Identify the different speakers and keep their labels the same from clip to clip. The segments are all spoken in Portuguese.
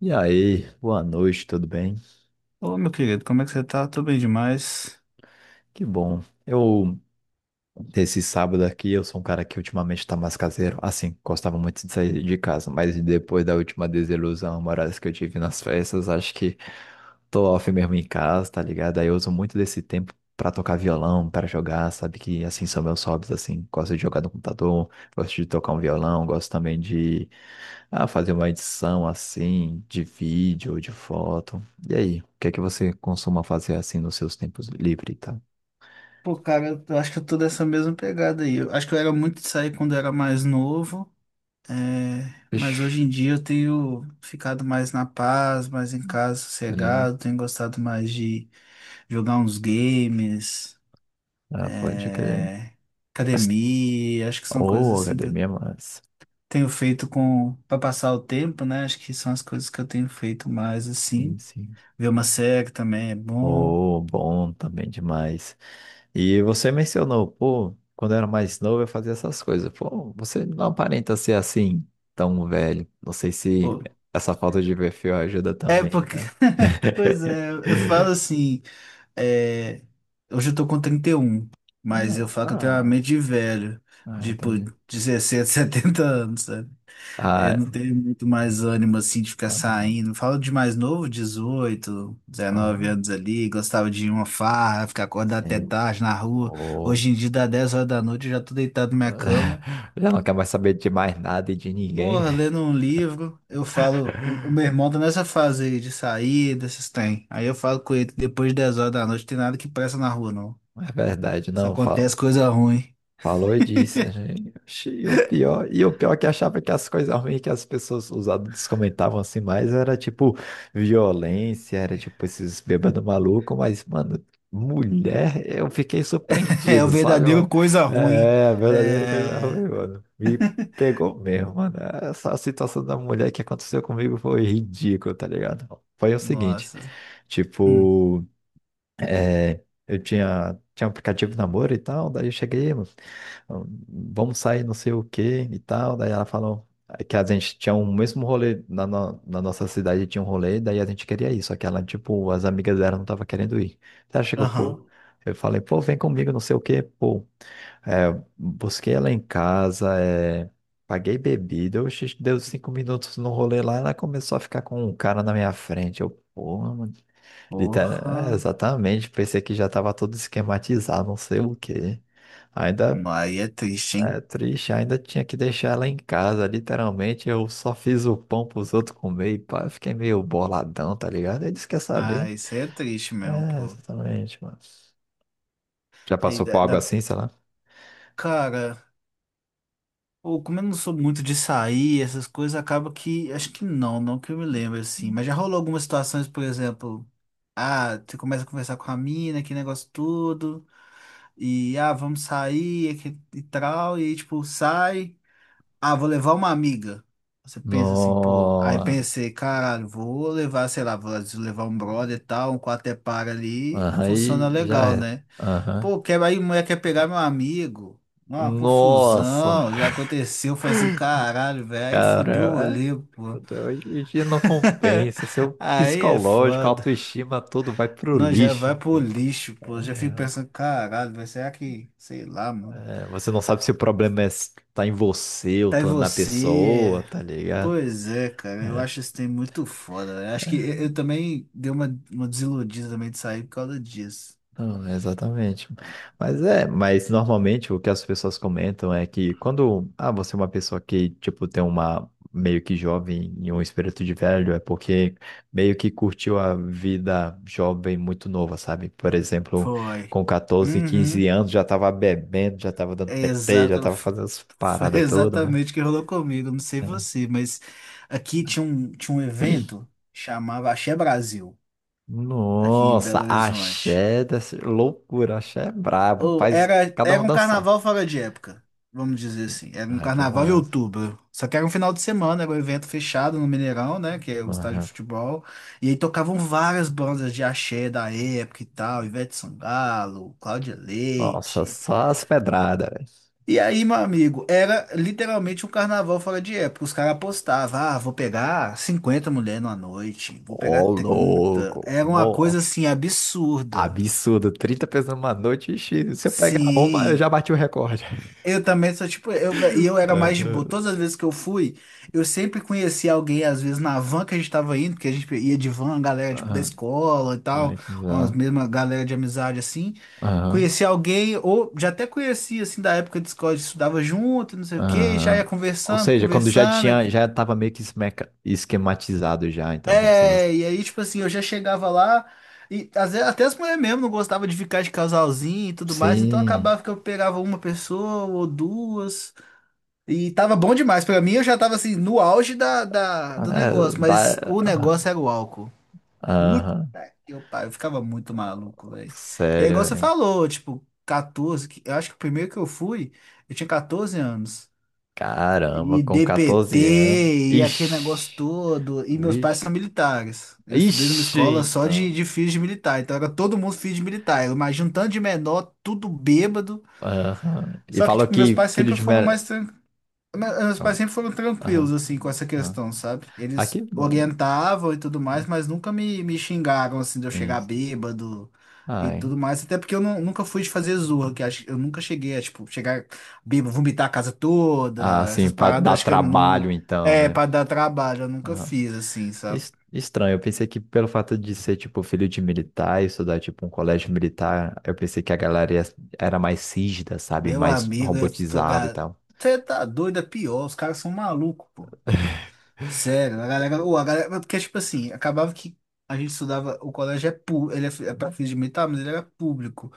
Speaker 1: E aí, boa noite, tudo bem?
Speaker 2: Ô, meu querido, como é que você tá? Tô bem demais.
Speaker 1: Que bom. Esse sábado aqui, eu sou um cara que ultimamente tá mais caseiro. Assim, gostava muito de sair de casa, mas depois da última desilusão amorosa que eu tive nas festas, acho que tô off mesmo em casa, tá ligado? Aí eu uso muito desse tempo pra tocar violão, pra jogar, sabe? Que assim são meus hobbies, assim. Gosto de jogar no computador, gosto de tocar um violão, gosto também de fazer uma edição assim, de vídeo ou de foto. E aí, o que é que você costuma fazer assim nos seus tempos livres e tal?
Speaker 2: Pô, cara, eu acho que eu tô dessa mesma pegada aí. Eu acho que eu era muito de sair quando eu era mais novo, é, mas
Speaker 1: Ixi,
Speaker 2: hoje em dia eu tenho ficado mais na paz, mais em casa,
Speaker 1: olha aí.
Speaker 2: sossegado, tenho gostado mais de jogar uns games,
Speaker 1: Ah, pode crer.
Speaker 2: é, academia, acho que são coisas
Speaker 1: Ô,
Speaker 2: assim que eu
Speaker 1: academia, mas.
Speaker 2: tenho feito com para passar o tempo, né? Acho que são as coisas que eu tenho feito mais
Speaker 1: Sim,
Speaker 2: assim.
Speaker 1: sim.
Speaker 2: Ver uma série também é bom.
Speaker 1: Ô, bom também demais. E você mencionou, pô, quando eu era mais novo eu fazia essas coisas. Pô, você não aparenta ser assim tão velho. Não sei se essa falta de perfil ajuda
Speaker 2: É
Speaker 1: também,
Speaker 2: porque,
Speaker 1: tá?
Speaker 2: pois é, eu falo assim, é, hoje eu tô com 31, mas
Speaker 1: Ah,
Speaker 2: eu falo que eu tenho uma
Speaker 1: ah,
Speaker 2: mente de velho,
Speaker 1: ah,
Speaker 2: tipo
Speaker 1: entendi.
Speaker 2: dezessete, 70 anos, sabe? É, eu
Speaker 1: Ah,
Speaker 2: não tenho muito mais ânimo assim de ficar
Speaker 1: ah,
Speaker 2: saindo. Falo de mais novo, 18, 19
Speaker 1: ah,
Speaker 2: anos ali, gostava de ir uma farra, ficar acordado até
Speaker 1: sim.
Speaker 2: tarde na rua.
Speaker 1: Pô.
Speaker 2: Hoje em dia dá 10 horas da noite, eu já tô deitado na minha cama.
Speaker 1: Já não quer mais saber de mais nada e de ninguém.
Speaker 2: Porra, lendo um livro, eu falo. O meu irmão tá nessa fase aí de sair, desses tem. Aí eu falo com ele, depois de 10 horas da noite, tem nada que presta na rua, não.
Speaker 1: É verdade,
Speaker 2: Só
Speaker 1: não fala.
Speaker 2: acontece coisa ruim.
Speaker 1: Falou e disse, né? Oxi, o pior, e o pior é que eu achava que as coisas ruins que as pessoas, os adultos comentavam assim mais era tipo violência, era tipo esses bêbados malucos, mas, mano, mulher, eu fiquei
Speaker 2: É o
Speaker 1: surpreendido, sabe,
Speaker 2: verdadeiro
Speaker 1: mano?
Speaker 2: coisa ruim.
Speaker 1: É, a verdadeira coisa
Speaker 2: É.
Speaker 1: ruim, mano. Me pegou mesmo, mano. Essa situação da mulher que aconteceu comigo foi ridícula, tá ligado? Foi o seguinte,
Speaker 2: Nossa. Hum.
Speaker 1: tipo é, eu tinha um aplicativo de namoro e tal, daí eu cheguei, mano, vamos sair não sei o que e tal, daí ela falou que a gente tinha o mesmo rolê, na, no- na nossa cidade tinha um rolê, daí a gente queria ir, só que ela, tipo, as amigas dela não tava querendo ir. Ela chegou, pô,
Speaker 2: Aham.
Speaker 1: eu falei, pô, vem comigo, não sei o que pô. É, busquei ela em casa, é, paguei bebida, oxe, deu 5 minutos no rolê lá, ela começou a ficar com um cara na minha frente. Eu, pô, mano. Literal, é,
Speaker 2: Porra.
Speaker 1: exatamente, pensei que já estava tudo esquematizado, não sei o quê. Ainda
Speaker 2: Não, aí é triste, hein?
Speaker 1: é triste, ainda tinha que deixar ela em casa, literalmente. Eu só fiz o pão pros outros comer e pá, eu fiquei meio boladão, tá ligado? Eles quer
Speaker 2: Ah,
Speaker 1: saber.
Speaker 2: isso aí é triste mesmo,
Speaker 1: É,
Speaker 2: pô.
Speaker 1: exatamente, mano. Já
Speaker 2: Aí
Speaker 1: passou por algo assim, sei lá?
Speaker 2: Cara. Ou como eu não sou muito de sair, essas coisas, acaba que. Acho que não, que eu me lembro, assim. Mas já rolou algumas situações, por exemplo. Ah, você começa a conversar com a mina, que negócio tudo. E, ah, vamos sair e, e tal. E, tipo, sai. Ah, vou levar uma amiga. Você pensa assim, pô. Aí
Speaker 1: No...
Speaker 2: pensei, caralho, vou levar, sei lá, vou levar um brother e tal, um quarto é para ali.
Speaker 1: Aham,
Speaker 2: Funciona
Speaker 1: aí já
Speaker 2: legal,
Speaker 1: era.
Speaker 2: né?
Speaker 1: Aham.
Speaker 2: Pô, quer, aí mulher quer pegar meu amigo. Uma
Speaker 1: Nossa,
Speaker 2: confusão, já aconteceu, foi assim, caralho, velho. Aí fudeu o
Speaker 1: cara, é.
Speaker 2: rolê, pô.
Speaker 1: Hoje em dia não compensa. Seu
Speaker 2: Aí é
Speaker 1: psicológico,
Speaker 2: foda.
Speaker 1: autoestima, tudo vai pro
Speaker 2: Nós já
Speaker 1: lixo.
Speaker 2: vai pro lixo, pô. Já fico
Speaker 1: É,
Speaker 2: pensando, caralho, velho, será que, sei lá, mano.
Speaker 1: é, você não sabe se o problema tá em você ou
Speaker 2: Tá em
Speaker 1: tá na
Speaker 2: você.
Speaker 1: pessoa, tá ligado?
Speaker 2: Pois é, cara, eu acho esse tem muito foda, velho. Acho que eu também dei uma desiludida também de sair por causa disso.
Speaker 1: Não, exatamente. Mas é, mas normalmente o que as pessoas comentam é que quando, ah, você é uma pessoa que, tipo, tem uma meio que jovem e um espírito de velho, é porque meio que curtiu a vida jovem muito nova, sabe? Por exemplo,
Speaker 2: Foi.
Speaker 1: com 14, 15
Speaker 2: Uhum.
Speaker 1: anos já tava bebendo, já tava dando
Speaker 2: É
Speaker 1: PT, já
Speaker 2: exata-
Speaker 1: tava
Speaker 2: f-
Speaker 1: fazendo as
Speaker 2: foi
Speaker 1: paradas todas, né?
Speaker 2: exatamente o que rolou comigo. Não sei
Speaker 1: É.
Speaker 2: você, mas aqui tinha tinha um evento chamava Axé Brasil, aqui em
Speaker 1: Nossa,
Speaker 2: Belo Horizonte.
Speaker 1: axé, dessa loucura, axé é brabo,
Speaker 2: Ou
Speaker 1: faz
Speaker 2: era,
Speaker 1: cada
Speaker 2: era
Speaker 1: um
Speaker 2: um
Speaker 1: dançar.
Speaker 2: carnaval fora de época, vamos dizer assim. Era um
Speaker 1: Ai, que
Speaker 2: carnaval em
Speaker 1: massa.
Speaker 2: outubro. Só que era um final de semana, era um evento fechado no Mineirão, né? Que é o estádio de
Speaker 1: Aham.
Speaker 2: futebol. E aí tocavam várias bandas de axé da época e tal, Ivete Sangalo, Cláudia
Speaker 1: Nossa,
Speaker 2: Leite.
Speaker 1: só as pedradas, velho.
Speaker 2: E aí, meu amigo, era literalmente um carnaval fora de época. Os caras apostavam, ah, vou pegar 50 mulheres numa noite, vou pegar
Speaker 1: Ô,
Speaker 2: trinta.
Speaker 1: louco,
Speaker 2: Era uma coisa
Speaker 1: nossa,
Speaker 2: assim absurda.
Speaker 1: absurdo, 30 pessoas numa noite, ixi, se eu pegar uma, eu já
Speaker 2: Sim,
Speaker 1: bati o recorde.
Speaker 2: eu também sou tipo, e eu era mais de boa.
Speaker 1: Aham,
Speaker 2: Todas as vezes que eu fui, eu sempre conhecia alguém, às vezes na van que a gente tava indo, que a gente ia de van, galera tipo da
Speaker 1: aham.
Speaker 2: escola e
Speaker 1: Ai,
Speaker 2: tal,
Speaker 1: que
Speaker 2: umas
Speaker 1: já.
Speaker 2: mesmas galera de amizade assim.
Speaker 1: Aham,
Speaker 2: Conhecia alguém, ou já até conhecia assim da época de escola, a gente estudava junto, não sei o quê, já
Speaker 1: aham.
Speaker 2: ia
Speaker 1: Ou seja, quando já
Speaker 2: conversando.
Speaker 1: tinha, já tava meio que esquematizado já, então, como se você...
Speaker 2: É, e aí tipo assim, eu já chegava lá. E às vezes, até as mulheres mesmo não gostavam de ficar de casalzinho e tudo mais, então
Speaker 1: Sim,
Speaker 2: acabava que eu pegava uma pessoa ou duas. E tava bom demais. Pra mim, eu já tava assim, no auge do
Speaker 1: é,
Speaker 2: negócio, mas o
Speaker 1: dá...
Speaker 2: negócio era o álcool. Puta
Speaker 1: Aham,
Speaker 2: que pariu, eu ficava muito maluco, velho. É igual
Speaker 1: sério,
Speaker 2: você
Speaker 1: velho.
Speaker 2: falou, tipo, 14, eu acho que o primeiro que eu fui, eu tinha 14 anos.
Speaker 1: Caramba,
Speaker 2: E
Speaker 1: com 14 anos.
Speaker 2: DPT, e aquele negócio
Speaker 1: Ixi,
Speaker 2: todo. E meus pais
Speaker 1: vixe.
Speaker 2: são militares. Eu estudei numa
Speaker 1: Ixi,
Speaker 2: escola só
Speaker 1: então.
Speaker 2: de filhos de militar, então era todo mundo filho de militar. Eu imagino um tanto de menor, tudo bêbado.
Speaker 1: Aham. E
Speaker 2: Só que,
Speaker 1: falou
Speaker 2: tipo, meus
Speaker 1: que
Speaker 2: pais
Speaker 1: filho
Speaker 2: sempre
Speaker 1: de
Speaker 2: foram
Speaker 1: mer...
Speaker 2: meus pais sempre foram tranquilos,
Speaker 1: Aham,
Speaker 2: assim, com essa
Speaker 1: aham.
Speaker 2: questão, sabe?
Speaker 1: Ah,
Speaker 2: Eles
Speaker 1: que bom.
Speaker 2: orientavam e tudo mais, mas nunca me xingaram, assim, de eu
Speaker 1: É
Speaker 2: chegar
Speaker 1: isso.
Speaker 2: bêbado e
Speaker 1: Ai.
Speaker 2: tudo mais. Até porque eu nunca fui de fazer zorra, que acho, eu nunca cheguei a, tipo, chegar bêbado, vomitar a casa
Speaker 1: Ah,
Speaker 2: toda,
Speaker 1: sim,
Speaker 2: essas
Speaker 1: pra
Speaker 2: paradas,
Speaker 1: dar
Speaker 2: acho que eu não...
Speaker 1: trabalho, então,
Speaker 2: É,
Speaker 1: né?
Speaker 2: pra dar trabalho, eu nunca
Speaker 1: Aham.
Speaker 2: fiz, assim, sabe?
Speaker 1: Estranho, eu pensei que pelo fato de ser, tipo, filho de militar e estudar, tipo, um colégio militar, eu pensei que a galera era mais rígida, sabe?
Speaker 2: Meu
Speaker 1: Mais
Speaker 2: amigo,
Speaker 1: robotizada e tal.
Speaker 2: você tá doido, é pior, os caras são malucos, pô. Sério, a galera, porque tipo assim, acabava que a gente estudava, o colégio é público, ele é, é para fins de militar, mas ele era público.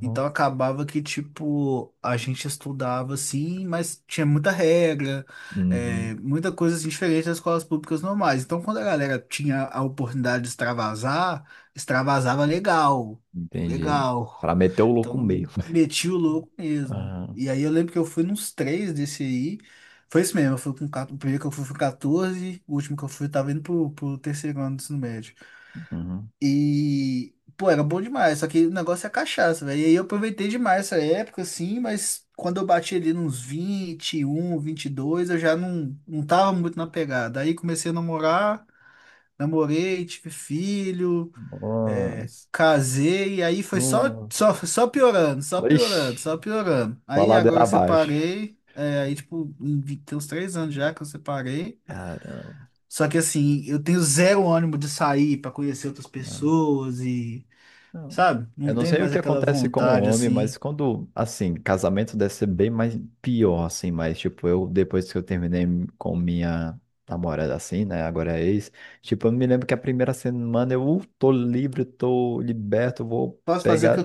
Speaker 2: Então acabava que tipo, a gente estudava assim, mas tinha muita regra,
Speaker 1: Uhum.
Speaker 2: muita coisa assim, diferente das escolas públicas normais. Então quando a galera tinha a oportunidade de extravasar, extravasava legal,
Speaker 1: Entendi.
Speaker 2: legal.
Speaker 1: Pra meter o louco
Speaker 2: Então,
Speaker 1: mesmo.
Speaker 2: meti o louco mesmo.
Speaker 1: Aham,
Speaker 2: E aí eu lembro que eu fui nos três desse aí. Foi isso mesmo, eu fui com 14, o primeiro que eu fui foi 14, o último que eu fui eu tava indo pro, pro terceiro ano do ensino médio.
Speaker 1: uhum.
Speaker 2: E, pô, era bom demais, só que o negócio é cachaça, velho. E aí eu aproveitei demais essa época, assim, mas quando eu bati ali nos 21, 22 eu já não tava muito na pegada. Aí comecei a namorar, namorei, tive filho, é,
Speaker 1: Nossa,
Speaker 2: casei e aí foi só,
Speaker 1: nossa,
Speaker 2: piorando, só piorando,
Speaker 1: Ixi,
Speaker 2: só piorando.
Speaker 1: só
Speaker 2: Aí
Speaker 1: ladeira
Speaker 2: agora eu
Speaker 1: abaixo.
Speaker 2: separei, é, aí tipo, tem uns três anos já que eu separei.
Speaker 1: Caramba,
Speaker 2: Só que assim, eu tenho zero ânimo de sair pra conhecer outras
Speaker 1: não,
Speaker 2: pessoas e,
Speaker 1: não.
Speaker 2: sabe? Não
Speaker 1: Eu não
Speaker 2: tem
Speaker 1: sei o
Speaker 2: mais
Speaker 1: que
Speaker 2: aquela
Speaker 1: acontece com o
Speaker 2: vontade
Speaker 1: homem, mas
Speaker 2: assim.
Speaker 1: quando, assim, casamento deve ser bem mais pior, assim, mas, tipo, eu, depois que eu terminei com minha namorada, assim, né, agora é ex, tipo, eu me lembro que a primeira semana eu tô livre, tô liberto, vou
Speaker 2: Posso fazer o
Speaker 1: pegar.
Speaker 2: que eu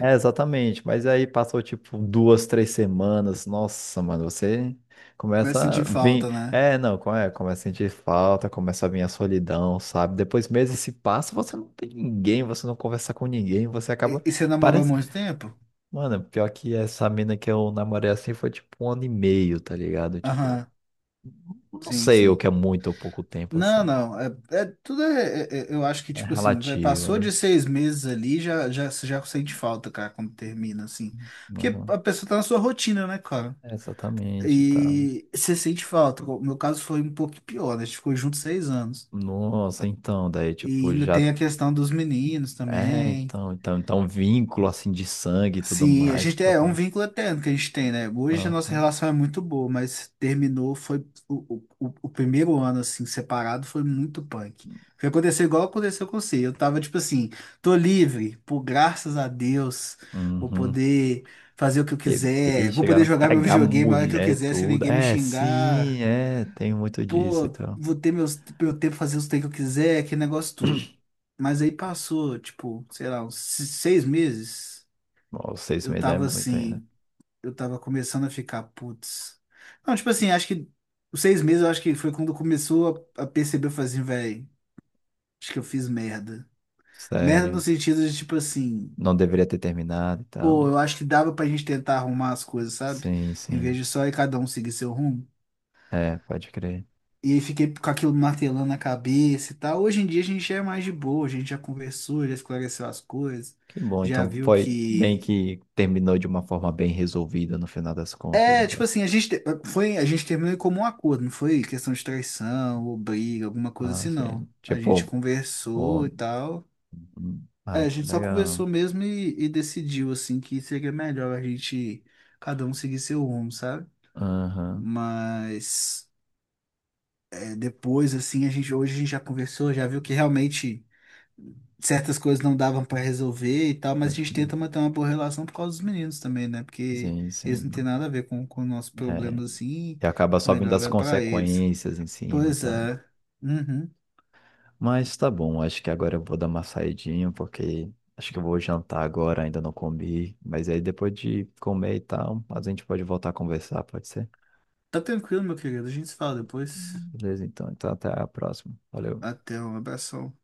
Speaker 1: É, exatamente. Mas aí passou tipo 2, 3 semanas. Nossa, mano, você
Speaker 2: vai
Speaker 1: começa
Speaker 2: sentir
Speaker 1: a
Speaker 2: falta,
Speaker 1: vir.
Speaker 2: né?
Speaker 1: É, não, como é? Começa a sentir falta, começa a vir a solidão, sabe? Depois meses se passam, você não tem ninguém, você não conversa com ninguém, você acaba.
Speaker 2: E você namorou há
Speaker 1: Parece.
Speaker 2: muito tempo?
Speaker 1: Mano, pior que essa mina que eu namorei assim foi tipo um ano e meio, tá ligado? Tipo,
Speaker 2: Aham,
Speaker 1: não sei o
Speaker 2: sim.
Speaker 1: que é muito ou pouco tempo assim.
Speaker 2: Não. Tudo é, eu acho que,
Speaker 1: É
Speaker 2: tipo assim,
Speaker 1: relativo,
Speaker 2: passou
Speaker 1: né?
Speaker 2: de seis meses ali, você já sente falta, cara, quando termina, assim. Porque
Speaker 1: Uhum.
Speaker 2: a pessoa tá na sua rotina, né, cara?
Speaker 1: É, exatamente, tá.
Speaker 2: E você sente falta. O meu caso foi um pouco pior, né? A gente ficou junto seis anos.
Speaker 1: Nossa, então, daí,
Speaker 2: E
Speaker 1: tipo,
Speaker 2: ainda
Speaker 1: já.
Speaker 2: tem a questão dos meninos
Speaker 1: É,
Speaker 2: também.
Speaker 1: então, um vínculo assim de sangue e tudo
Speaker 2: Sim, a
Speaker 1: mais
Speaker 2: gente
Speaker 1: pra
Speaker 2: é
Speaker 1: ter.
Speaker 2: um vínculo eterno que a gente tem, né? Hoje a nossa
Speaker 1: Aham.
Speaker 2: relação é muito boa, mas terminou, foi o primeiro ano, assim, separado, foi muito punk. Foi acontecer igual aconteceu com você. Eu tava tipo assim, tô livre, por graças a Deus, vou
Speaker 1: Uhum.
Speaker 2: poder fazer o que eu quiser,
Speaker 1: Bebês
Speaker 2: vou
Speaker 1: chegaram
Speaker 2: poder
Speaker 1: a
Speaker 2: jogar meu
Speaker 1: pegar
Speaker 2: videogame a hora que eu
Speaker 1: mulher e
Speaker 2: quiser, sem
Speaker 1: tudo.
Speaker 2: ninguém me
Speaker 1: É, sim,
Speaker 2: xingar.
Speaker 1: é, tem muito disso,
Speaker 2: Pô,
Speaker 1: então.
Speaker 2: meu tempo fazer os treinos que eu quiser, aquele negócio todo. Mas aí passou, tipo, sei lá, uns se- seis meses.
Speaker 1: Bom, vocês
Speaker 2: Eu
Speaker 1: me
Speaker 2: tava
Speaker 1: devem muito aí, né?
Speaker 2: assim eu tava começando a ficar, putz. Não, tipo assim, acho que os seis meses eu acho que foi quando começou a perceber, eu falei assim, velho, acho que eu fiz merda. Merda no
Speaker 1: Sério.
Speaker 2: sentido de, tipo assim,
Speaker 1: Não deveria ter terminado e tal.
Speaker 2: pô, eu acho que dava pra gente tentar arrumar as coisas, sabe?
Speaker 1: Sim,
Speaker 2: Em vez
Speaker 1: sim.
Speaker 2: de só ir cada um seguir seu rumo.
Speaker 1: É, pode crer.
Speaker 2: E aí fiquei com aquilo martelando na cabeça e tal. Hoje em dia a gente já é mais de boa, a gente já conversou, já esclareceu as coisas,
Speaker 1: Que bom,
Speaker 2: já
Speaker 1: então
Speaker 2: viu
Speaker 1: foi bem
Speaker 2: que.
Speaker 1: que terminou de uma forma bem resolvida no final das contas,
Speaker 2: É, tipo
Speaker 1: então.
Speaker 2: assim, a gente, a gente terminou em comum acordo, não foi questão de traição ou briga, alguma coisa
Speaker 1: Ah,
Speaker 2: assim, não.
Speaker 1: sim.
Speaker 2: A gente
Speaker 1: Tipo,
Speaker 2: conversou
Speaker 1: pô.
Speaker 2: e tal.
Speaker 1: Hum,
Speaker 2: É,
Speaker 1: ai,
Speaker 2: a
Speaker 1: que
Speaker 2: gente só
Speaker 1: legal.
Speaker 2: conversou mesmo e decidiu, assim, que seria melhor a gente, cada um seguir seu rumo, sabe?
Speaker 1: Aham.
Speaker 2: Mas é, depois, assim, hoje a gente já conversou, já viu que realmente certas coisas não davam pra resolver e tal, mas a
Speaker 1: Pode
Speaker 2: gente
Speaker 1: crer.
Speaker 2: tenta manter uma boa relação por causa dos meninos também, né? Porque
Speaker 1: Sim,
Speaker 2: eles não têm
Speaker 1: sim.
Speaker 2: nada a ver com nossos
Speaker 1: É,
Speaker 2: problemas assim,
Speaker 1: e acaba só vindo
Speaker 2: melhor
Speaker 1: as
Speaker 2: é pra eles.
Speaker 1: consequências em cima e
Speaker 2: Pois
Speaker 1: tal.
Speaker 2: é. Uhum.
Speaker 1: Mas tá bom, acho que agora eu vou dar uma saidinha, porque acho que eu vou jantar agora, ainda não comi. Mas aí depois de comer e tal, a gente pode voltar a conversar, pode ser?
Speaker 2: Tá tranquilo, meu querido. A gente se fala depois.
Speaker 1: Beleza, então. Então até a próxima. Valeu.
Speaker 2: Até um abração.